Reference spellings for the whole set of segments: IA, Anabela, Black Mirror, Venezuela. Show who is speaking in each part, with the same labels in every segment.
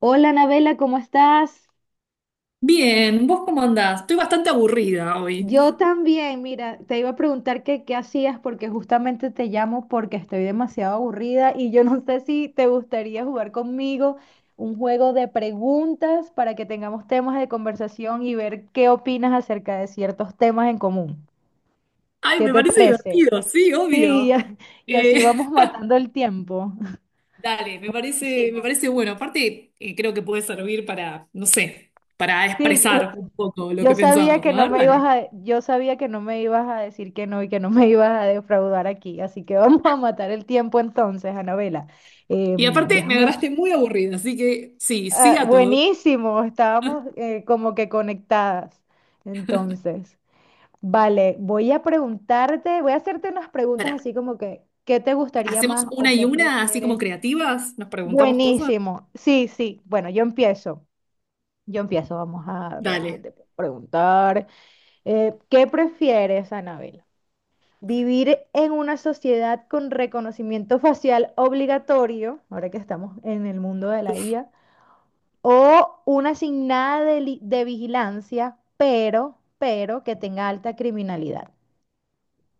Speaker 1: Hola, Anabela, ¿cómo estás?
Speaker 2: Bien, ¿vos cómo andás? Estoy bastante aburrida
Speaker 1: Yo
Speaker 2: hoy.
Speaker 1: también, mira, te iba a preguntar que qué hacías porque justamente te llamo porque estoy demasiado aburrida y yo no sé si te gustaría jugar conmigo un juego de preguntas para que tengamos temas de conversación y ver qué opinas acerca de ciertos temas en común.
Speaker 2: Ay,
Speaker 1: ¿Qué
Speaker 2: me
Speaker 1: te
Speaker 2: parece
Speaker 1: parece?
Speaker 2: divertido, sí,
Speaker 1: Sí, y
Speaker 2: obvio.
Speaker 1: a- y así
Speaker 2: Eh,
Speaker 1: vamos matando el tiempo.
Speaker 2: dale, me parece, me
Speaker 1: Hicimos.
Speaker 2: parece bueno. Aparte, creo que puede servir para, no sé, para
Speaker 1: Sí,
Speaker 2: expresar un poco lo
Speaker 1: yo
Speaker 2: que
Speaker 1: sabía
Speaker 2: pensamos.
Speaker 1: que
Speaker 2: A
Speaker 1: no
Speaker 2: ver,
Speaker 1: me ibas
Speaker 2: dale.
Speaker 1: a, yo sabía que no me ibas a decir que no y que no me ibas a defraudar aquí, así que vamos a matar el tiempo entonces, Anabela.
Speaker 2: Y aparte, me
Speaker 1: Déjame,
Speaker 2: agarraste muy aburrida, así que sí, sí
Speaker 1: ah,
Speaker 2: a todo.
Speaker 1: buenísimo, estábamos como que conectadas. Entonces, vale, voy a preguntarte, voy a hacerte unas preguntas
Speaker 2: Pará,
Speaker 1: así como que, ¿qué te gustaría
Speaker 2: ¿hacemos
Speaker 1: más
Speaker 2: una
Speaker 1: o
Speaker 2: y
Speaker 1: qué
Speaker 2: una, así como
Speaker 1: prefieres?
Speaker 2: creativas? ¿Nos preguntamos cosas?
Speaker 1: Buenísimo, sí, sí, bueno, yo empiezo, vamos a ver qué
Speaker 2: Dale.
Speaker 1: te puedo preguntar. ¿Qué prefieres, Anabel? ¿Vivir en una sociedad con reconocimiento facial obligatorio, ahora que estamos en el mundo de la IA, o una asignada de, li- de vigilancia, pero que tenga alta criminalidad?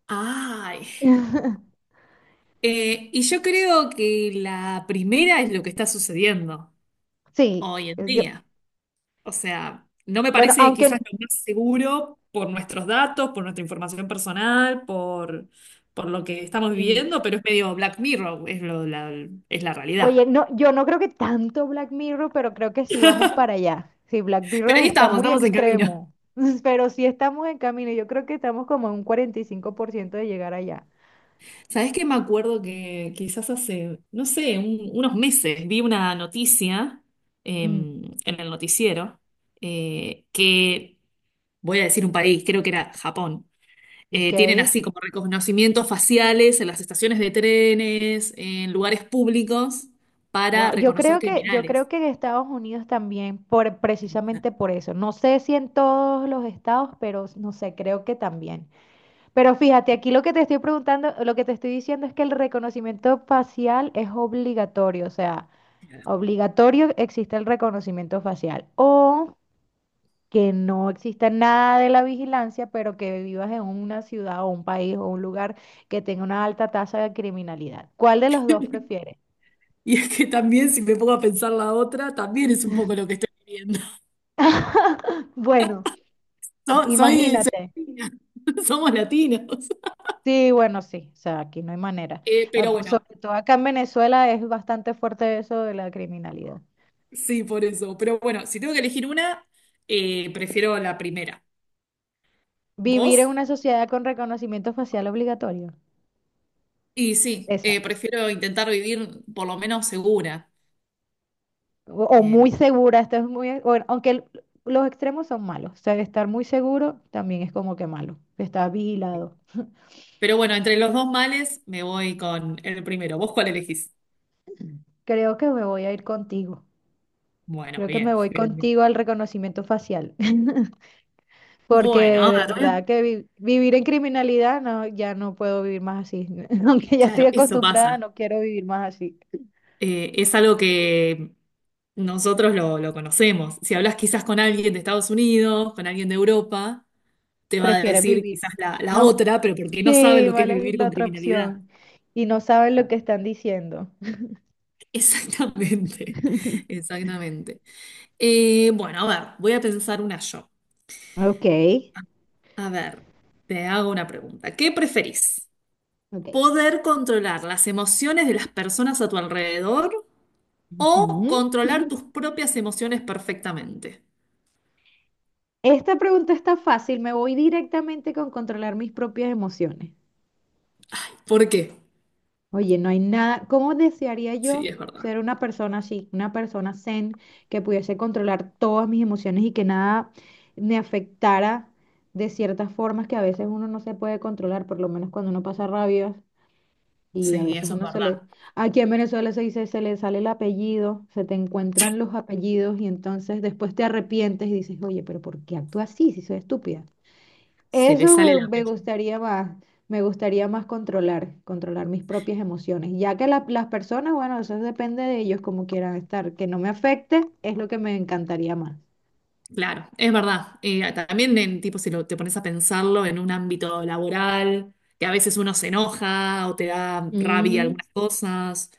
Speaker 2: Ay. Y yo creo que la primera es lo que está sucediendo
Speaker 1: Sí,
Speaker 2: hoy en
Speaker 1: yo,
Speaker 2: día. O sea, no me
Speaker 1: bueno,
Speaker 2: parece quizás
Speaker 1: aunque,
Speaker 2: lo más seguro por nuestros datos, por nuestra información personal, por lo que estamos
Speaker 1: sí,
Speaker 2: viviendo, pero es medio Black Mirror, es, es la
Speaker 1: oye,
Speaker 2: realidad.
Speaker 1: no, yo no creo que tanto Black Mirror, pero creo que sí vamos para allá. Sí, Black Mirror
Speaker 2: Pero ahí
Speaker 1: está
Speaker 2: estamos,
Speaker 1: muy
Speaker 2: estamos en camino.
Speaker 1: extremo, pero sí estamos en camino. Yo creo que estamos como en un 45% de llegar allá.
Speaker 2: ¿Sabés qué? Me acuerdo que quizás hace, no sé, unos meses vi una noticia
Speaker 1: Mm,
Speaker 2: en el noticiero eh, que, voy a decir un país, creo que era Japón.
Speaker 1: ok.
Speaker 2: Tienen así como reconocimientos faciales en las estaciones de trenes, en lugares públicos, para
Speaker 1: Wow.
Speaker 2: reconocer
Speaker 1: Yo
Speaker 2: criminales.
Speaker 1: creo que en Estados Unidos también, por, precisamente por eso. No sé si en todos los estados, pero no sé, creo que también. Pero fíjate, aquí lo que te estoy preguntando, lo que te estoy diciendo es que el reconocimiento facial es obligatorio, o sea. Obligatorio existe el reconocimiento facial o que no exista nada de la vigilancia, pero que vivas en una ciudad o un país o un lugar que tenga una alta tasa de criminalidad. ¿Cuál de los dos prefieres?
Speaker 2: Y es que también, si me pongo a pensar la otra, también es un poco lo que estoy viviendo.
Speaker 1: Bueno,
Speaker 2: Soy
Speaker 1: imagínate.
Speaker 2: latina. Somos latinos.
Speaker 1: Sí, bueno, sí, o sea, aquí no hay manera.
Speaker 2: Eh,
Speaker 1: Ah,
Speaker 2: pero
Speaker 1: por
Speaker 2: bueno,
Speaker 1: sobre todo acá en Venezuela es bastante fuerte eso de la criminalidad.
Speaker 2: sí, por eso. Pero bueno, si tengo que elegir una, prefiero la primera.
Speaker 1: Vivir en
Speaker 2: ¿Vos?
Speaker 1: una sociedad con reconocimiento facial obligatorio.
Speaker 2: Y sí, prefiero intentar vivir por lo menos segura.
Speaker 1: O o
Speaker 2: Eh,
Speaker 1: muy segura, esto es muy, bueno, aunque el- los extremos son malos, o sea, estar muy seguro también es como que malo, estar
Speaker 2: sí.
Speaker 1: vigilado.
Speaker 2: Pero bueno, entre los dos males me voy con el primero. ¿Vos cuál elegís?
Speaker 1: Creo que me voy a ir contigo,
Speaker 2: Bueno,
Speaker 1: creo que me
Speaker 2: bien,
Speaker 1: voy
Speaker 2: bien, bien.
Speaker 1: contigo al reconocimiento facial, porque
Speaker 2: Bueno,
Speaker 1: de
Speaker 2: ahora te voy
Speaker 1: verdad
Speaker 2: a...
Speaker 1: que vi- vivir en criminalidad, no, ya no puedo vivir más así, aunque ya estoy
Speaker 2: Claro, eso
Speaker 1: acostumbrada,
Speaker 2: pasa.
Speaker 1: no quiero vivir más así,
Speaker 2: Es algo que nosotros lo conocemos. Si hablas quizás con alguien de Estados Unidos, con alguien de Europa, te va a
Speaker 1: prefieren
Speaker 2: decir
Speaker 1: vivir,
Speaker 2: quizás la
Speaker 1: no,
Speaker 2: otra, pero porque no sabe
Speaker 1: sí,
Speaker 2: lo
Speaker 1: va
Speaker 2: que
Speaker 1: a
Speaker 2: es
Speaker 1: elegir
Speaker 2: vivir
Speaker 1: la
Speaker 2: con
Speaker 1: otra
Speaker 2: criminalidad.
Speaker 1: opción y no saben lo
Speaker 2: Claro.
Speaker 1: que están diciendo.
Speaker 2: Exactamente, exactamente. Bueno, a ver, voy a pensar una yo.
Speaker 1: Ok,
Speaker 2: A ver, te hago una pregunta. ¿Qué preferís?
Speaker 1: ok.
Speaker 2: Poder controlar las emociones de las personas a tu alrededor o
Speaker 1: Ujú.
Speaker 2: controlar tus propias emociones perfectamente.
Speaker 1: Esta pregunta está fácil, me voy directamente con controlar mis propias emociones.
Speaker 2: ¿Por qué?
Speaker 1: Oye, no hay nada, ¿cómo desearía
Speaker 2: Sí,
Speaker 1: yo
Speaker 2: es verdad.
Speaker 1: ser una persona así, una persona zen que pudiese controlar todas mis emociones y que nada me afectara de ciertas formas que a veces uno no se puede controlar, por lo menos cuando uno pasa rabias y a
Speaker 2: Sí,
Speaker 1: veces
Speaker 2: eso es
Speaker 1: uno se le,
Speaker 2: verdad.
Speaker 1: aquí en Venezuela se dice, se le sale el apellido, se te encuentran los apellidos y entonces después te arrepientes y dices, oye, pero ¿por qué actúas así si soy estúpida?
Speaker 2: Se le sale la
Speaker 1: Me
Speaker 2: pelle.
Speaker 1: gustaría más, controlar mis propias emociones, ya que la- las personas, bueno, eso depende de ellos como quieran estar, que no me afecte es lo que me encantaría más.
Speaker 2: Claro, es verdad. También en tipo, si lo, te pones a pensarlo en un ámbito laboral, que a veces uno se enoja o te da rabia
Speaker 1: Mm,
Speaker 2: algunas cosas,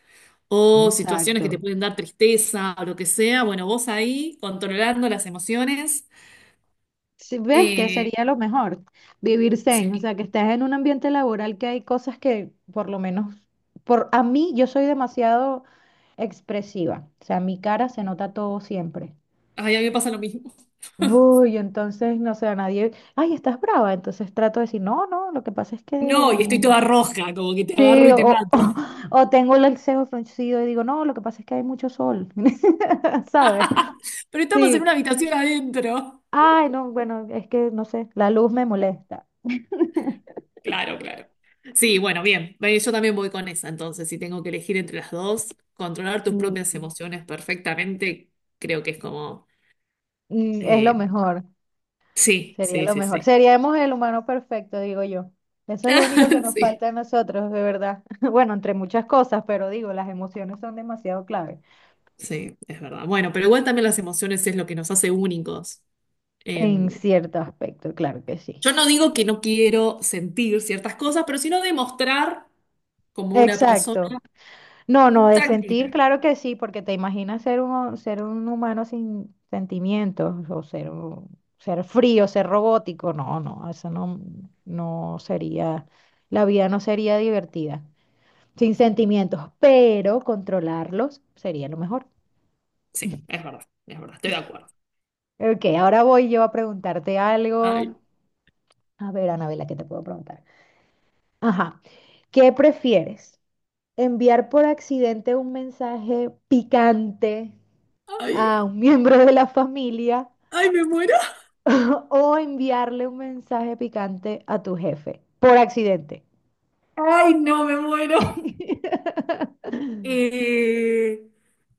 Speaker 2: o situaciones que te
Speaker 1: exacto.
Speaker 2: pueden dar tristeza o lo que sea. Bueno, vos ahí controlando las emociones.
Speaker 1: Si ves que
Speaker 2: eh,
Speaker 1: sería lo mejor, vivir zen, o sea, que estás en un ambiente laboral que hay cosas que por lo menos, por a mí yo soy demasiado expresiva, o sea, mi cara se nota todo siempre.
Speaker 2: Ay, a mí me pasa lo mismo.
Speaker 1: Uy, entonces, no sé, a nadie, ay, estás brava, entonces trato de decir, no, no, lo que pasa es que,
Speaker 2: No, y estoy
Speaker 1: no".
Speaker 2: toda roja, como que te agarro
Speaker 1: Sí,
Speaker 2: y te
Speaker 1: o,
Speaker 2: mato.
Speaker 1: o, tengo el cejo fruncido y digo, no, lo que pasa es que hay mucho sol, ¿sabes?
Speaker 2: Pero estamos en
Speaker 1: Sí,
Speaker 2: una habitación adentro.
Speaker 1: ay, no, bueno, es que, no sé, la luz me molesta,
Speaker 2: Claro, claro. Sí, bueno, bien. Ve, yo también voy con esa, entonces, si tengo que elegir entre las dos, controlar tus propias
Speaker 1: mm,
Speaker 2: emociones perfectamente, creo que es como...
Speaker 1: mm, es lo
Speaker 2: eh,
Speaker 1: mejor,
Speaker 2: sí,
Speaker 1: sería
Speaker 2: sí,
Speaker 1: lo
Speaker 2: sí,
Speaker 1: mejor,
Speaker 2: sí.
Speaker 1: seríamos el humano perfecto, digo yo, eso es lo único que nos
Speaker 2: Sí,
Speaker 1: falta a nosotros, de verdad, bueno, entre muchas cosas, pero digo, las emociones son demasiado claves.
Speaker 2: sí, es verdad. Bueno, pero igual también las emociones es lo que nos hace únicos.
Speaker 1: En
Speaker 2: Em,
Speaker 1: cierto aspecto, claro que sí.
Speaker 2: yo no digo que no quiero sentir ciertas cosas, pero sino demostrar como una persona
Speaker 1: Exacto. No, no,
Speaker 2: mm,
Speaker 1: de sentir,
Speaker 2: tranquila.
Speaker 1: claro que sí, porque te imaginas ser un humano sin sentimientos o ser, un- ser frío, ser robótico. No, no, eso no, no sería, la vida no sería divertida sin sentimientos, pero controlarlos sería lo mejor.
Speaker 2: Sí, es verdad, estoy de acuerdo.
Speaker 1: Ok, ahora voy yo a preguntarte
Speaker 2: Ay,
Speaker 1: algo. A ver, Anabela, ¿qué te puedo preguntar? Ajá, ¿qué prefieres? Enviar por accidente un mensaje picante a
Speaker 2: ay,
Speaker 1: un miembro de la familia
Speaker 2: ay, me muero.
Speaker 1: o enviarle un mensaje picante a tu jefe por accidente.
Speaker 2: Ay, no, me muero. Eh,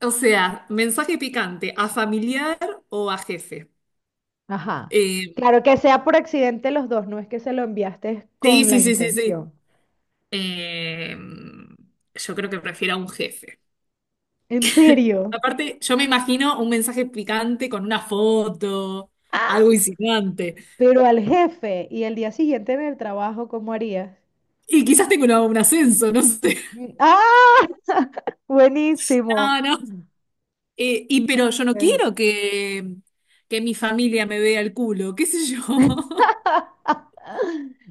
Speaker 2: o sea, mensaje picante, ¿a familiar o a jefe?
Speaker 1: Ajá.
Speaker 2: Eh,
Speaker 1: Claro que sea por accidente los dos, no es que se lo enviaste
Speaker 2: sí,
Speaker 1: con la
Speaker 2: sí, sí, sí, sí.
Speaker 1: intención.
Speaker 2: Eh, yo creo que prefiero a un jefe.
Speaker 1: ¿En serio?
Speaker 2: Aparte, yo me imagino un mensaje picante con una foto,
Speaker 1: ¡Ah!
Speaker 2: algo insinuante.
Speaker 1: Pero al jefe y el día siguiente en el trabajo, ¿cómo harías?
Speaker 2: Y quizás tengo un ascenso, no sé.
Speaker 1: Mm, ¡ah! Buenísimo.
Speaker 2: No, no.
Speaker 1: No
Speaker 2: Y pero yo no
Speaker 1: sé.
Speaker 2: quiero que mi familia me vea el culo, qué sé yo,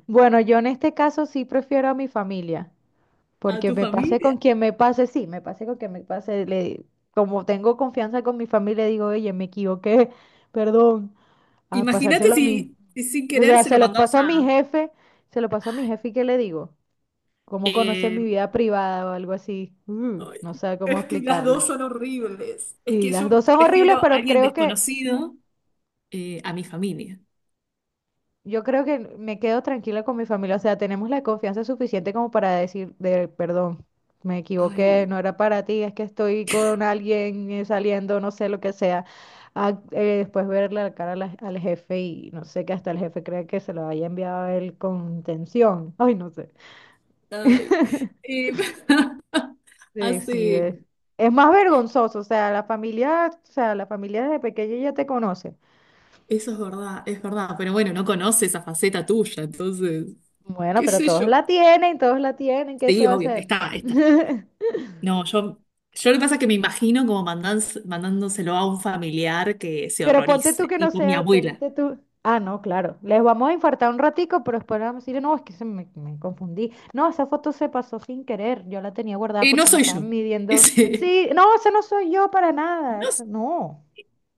Speaker 1: Bueno, yo en este caso sí prefiero a mi familia,
Speaker 2: a
Speaker 1: porque
Speaker 2: tu
Speaker 1: me pasé
Speaker 2: familia.
Speaker 1: con quien me pase, sí, me pasé con quien me pase, le, como tengo confianza con mi familia, digo, oye, me equivoqué, perdón, a
Speaker 2: Imagínate
Speaker 1: pasárselo a mí.
Speaker 2: si, si sin
Speaker 1: O
Speaker 2: querer
Speaker 1: sea,
Speaker 2: se lo mandás a...
Speaker 1: se lo pasó a mi jefe y ¿qué le digo? ¿Cómo conoce
Speaker 2: eh,
Speaker 1: mi vida privada o algo así? Mm,
Speaker 2: ay,
Speaker 1: no sé cómo
Speaker 2: es que las
Speaker 1: explicarle.
Speaker 2: dos son horribles. Es
Speaker 1: Sí,
Speaker 2: que
Speaker 1: las
Speaker 2: yo
Speaker 1: dos son horribles,
Speaker 2: prefiero a
Speaker 1: pero
Speaker 2: alguien
Speaker 1: creo que
Speaker 2: desconocido a mi familia.
Speaker 1: yo creo que me quedo tranquila con mi familia, o sea, tenemos la confianza suficiente como para decir, de, perdón, me equivoqué,
Speaker 2: Ay,
Speaker 1: no era para ti, es que estoy con alguien saliendo, no sé lo que sea, a- después verle la cara a la- al jefe y no sé que hasta el jefe cree que se lo haya enviado a él con tensión, ay, no sé.
Speaker 2: ay. Eh,
Speaker 1: Sí, sí,
Speaker 2: hace...
Speaker 1: es, es más vergonzoso, o sea, la familia, o sea, la familia desde pequeña ya te conoce.
Speaker 2: Eso es verdad, es verdad. Pero bueno, no conoce esa faceta tuya, entonces,
Speaker 1: Bueno,
Speaker 2: qué
Speaker 1: pero
Speaker 2: sé yo.
Speaker 1: todos la tienen, ¿qué se
Speaker 2: Sí,
Speaker 1: va a
Speaker 2: obvio,
Speaker 1: hacer?
Speaker 2: está, está. No, yo lo que pasa es que me imagino como mandándoselo a un familiar que se
Speaker 1: Pero ponte tú
Speaker 2: horrorice,
Speaker 1: que no
Speaker 2: tipo mi
Speaker 1: sea,
Speaker 2: abuela.
Speaker 1: ponte tú. Ah, no, claro. Les vamos a infartar un ratico, pero después vamos a decir, no, es que se me, me confundí. No, esa foto se pasó sin querer. Yo la tenía guardada
Speaker 2: No
Speaker 1: porque me
Speaker 2: soy yo.
Speaker 1: estaban midiendo.
Speaker 2: Ese,
Speaker 1: Sí, no, eso no soy yo para nada.
Speaker 2: no
Speaker 1: Eso
Speaker 2: es,
Speaker 1: no.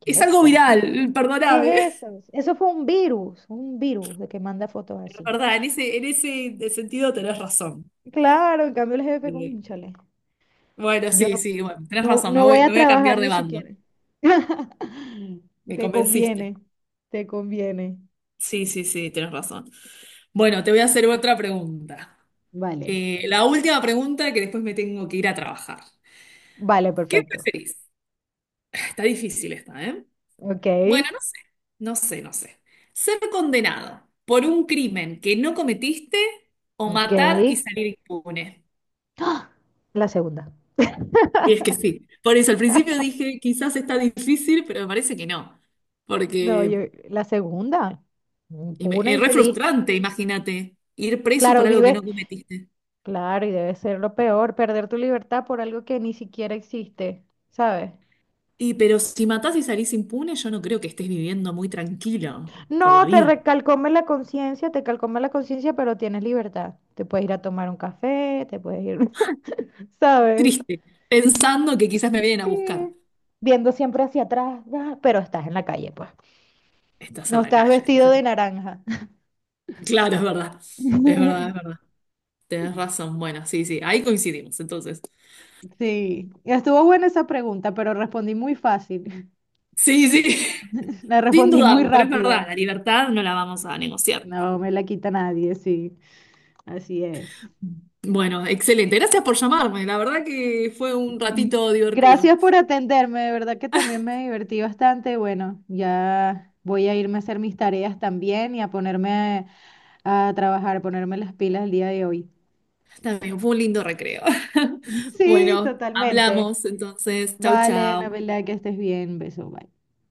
Speaker 1: ¿Qué
Speaker 2: es
Speaker 1: es
Speaker 2: algo
Speaker 1: eso? No sé.
Speaker 2: viral, perdóname.
Speaker 1: ¿Qué es eso? Eso fue un virus de que manda fotos
Speaker 2: Es
Speaker 1: así.
Speaker 2: verdad, en ese sentido tenés razón.
Speaker 1: Claro, en cambio el jefe con
Speaker 2: Eh,
Speaker 1: chale.
Speaker 2: bueno,
Speaker 1: Yo
Speaker 2: sí,
Speaker 1: no,
Speaker 2: sí, bueno, tenés
Speaker 1: no,
Speaker 2: razón, me
Speaker 1: no voy
Speaker 2: voy, me
Speaker 1: a
Speaker 2: voy a
Speaker 1: trabajar
Speaker 2: cambiar de
Speaker 1: ni
Speaker 2: bando.
Speaker 1: siquiera.
Speaker 2: Me
Speaker 1: Te
Speaker 2: convenciste.
Speaker 1: conviene, te conviene.
Speaker 2: Sí, sí, sí, tenés razón. Bueno, te voy a hacer otra pregunta.
Speaker 1: Vale.
Speaker 2: La última pregunta que después me tengo que ir a trabajar.
Speaker 1: Vale,
Speaker 2: ¿Qué
Speaker 1: perfecto.
Speaker 2: preferís? Está difícil esta, ¿eh?
Speaker 1: Ok.
Speaker 2: Bueno, no sé, no sé, no sé. Ser condenado por un crimen que no cometiste o
Speaker 1: Ok,
Speaker 2: matar y salir impune.
Speaker 1: la segunda.
Speaker 2: Y es que sí, por eso al principio dije, quizás está difícil, pero me parece que no,
Speaker 1: No, yo,
Speaker 2: porque
Speaker 1: la segunda. Puna
Speaker 2: y es
Speaker 1: y
Speaker 2: re
Speaker 1: feliz.
Speaker 2: frustrante, imagínate, ir preso
Speaker 1: Claro,
Speaker 2: por algo que no
Speaker 1: vive.
Speaker 2: cometiste.
Speaker 1: Claro, y debe ser lo peor, perder tu libertad por algo que ni siquiera existe, ¿sabes?
Speaker 2: Y pero si matás y salís impune, yo no creo que estés viviendo muy tranquilo por la
Speaker 1: No, te
Speaker 2: vida.
Speaker 1: recalcome la conciencia, te calcome la conciencia, pero tienes libertad. Te puedes ir a tomar un café, te puedes ir, ¿sabes?
Speaker 2: Triste, pensando que quizás me vienen a
Speaker 1: Sí.
Speaker 2: buscar.
Speaker 1: Viendo siempre hacia atrás, ah, pero estás en la calle, pues.
Speaker 2: Estás
Speaker 1: No
Speaker 2: en la
Speaker 1: estás
Speaker 2: calle, estás
Speaker 1: vestido de
Speaker 2: en...
Speaker 1: naranja.
Speaker 2: Claro, es verdad. Es verdad, es verdad. Tenés razón. Bueno, sí, sí, ahí coincidimos, entonces.
Speaker 1: Sí, estuvo buena esa pregunta, pero respondí muy fácil.
Speaker 2: Sí, sí,
Speaker 1: La
Speaker 2: sin
Speaker 1: respondí muy
Speaker 2: dudarlo, pero es verdad,
Speaker 1: rápido.
Speaker 2: la libertad no la vamos a negociar.
Speaker 1: No me la quita nadie, sí. Así es.
Speaker 2: Bueno, excelente. Gracias por llamarme. La verdad que fue un ratito divertido.
Speaker 1: Gracias por atenderme, de verdad que también me divertí bastante. Bueno, ya voy a irme a hacer mis tareas también y a ponerme a trabajar, ponerme las pilas el día de hoy.
Speaker 2: También fue un lindo recreo.
Speaker 1: Sí,
Speaker 2: Bueno,
Speaker 1: totalmente.
Speaker 2: hablamos entonces. Chau,
Speaker 1: Vale,
Speaker 2: chau.
Speaker 1: Anabela, que estés bien. Beso, bye.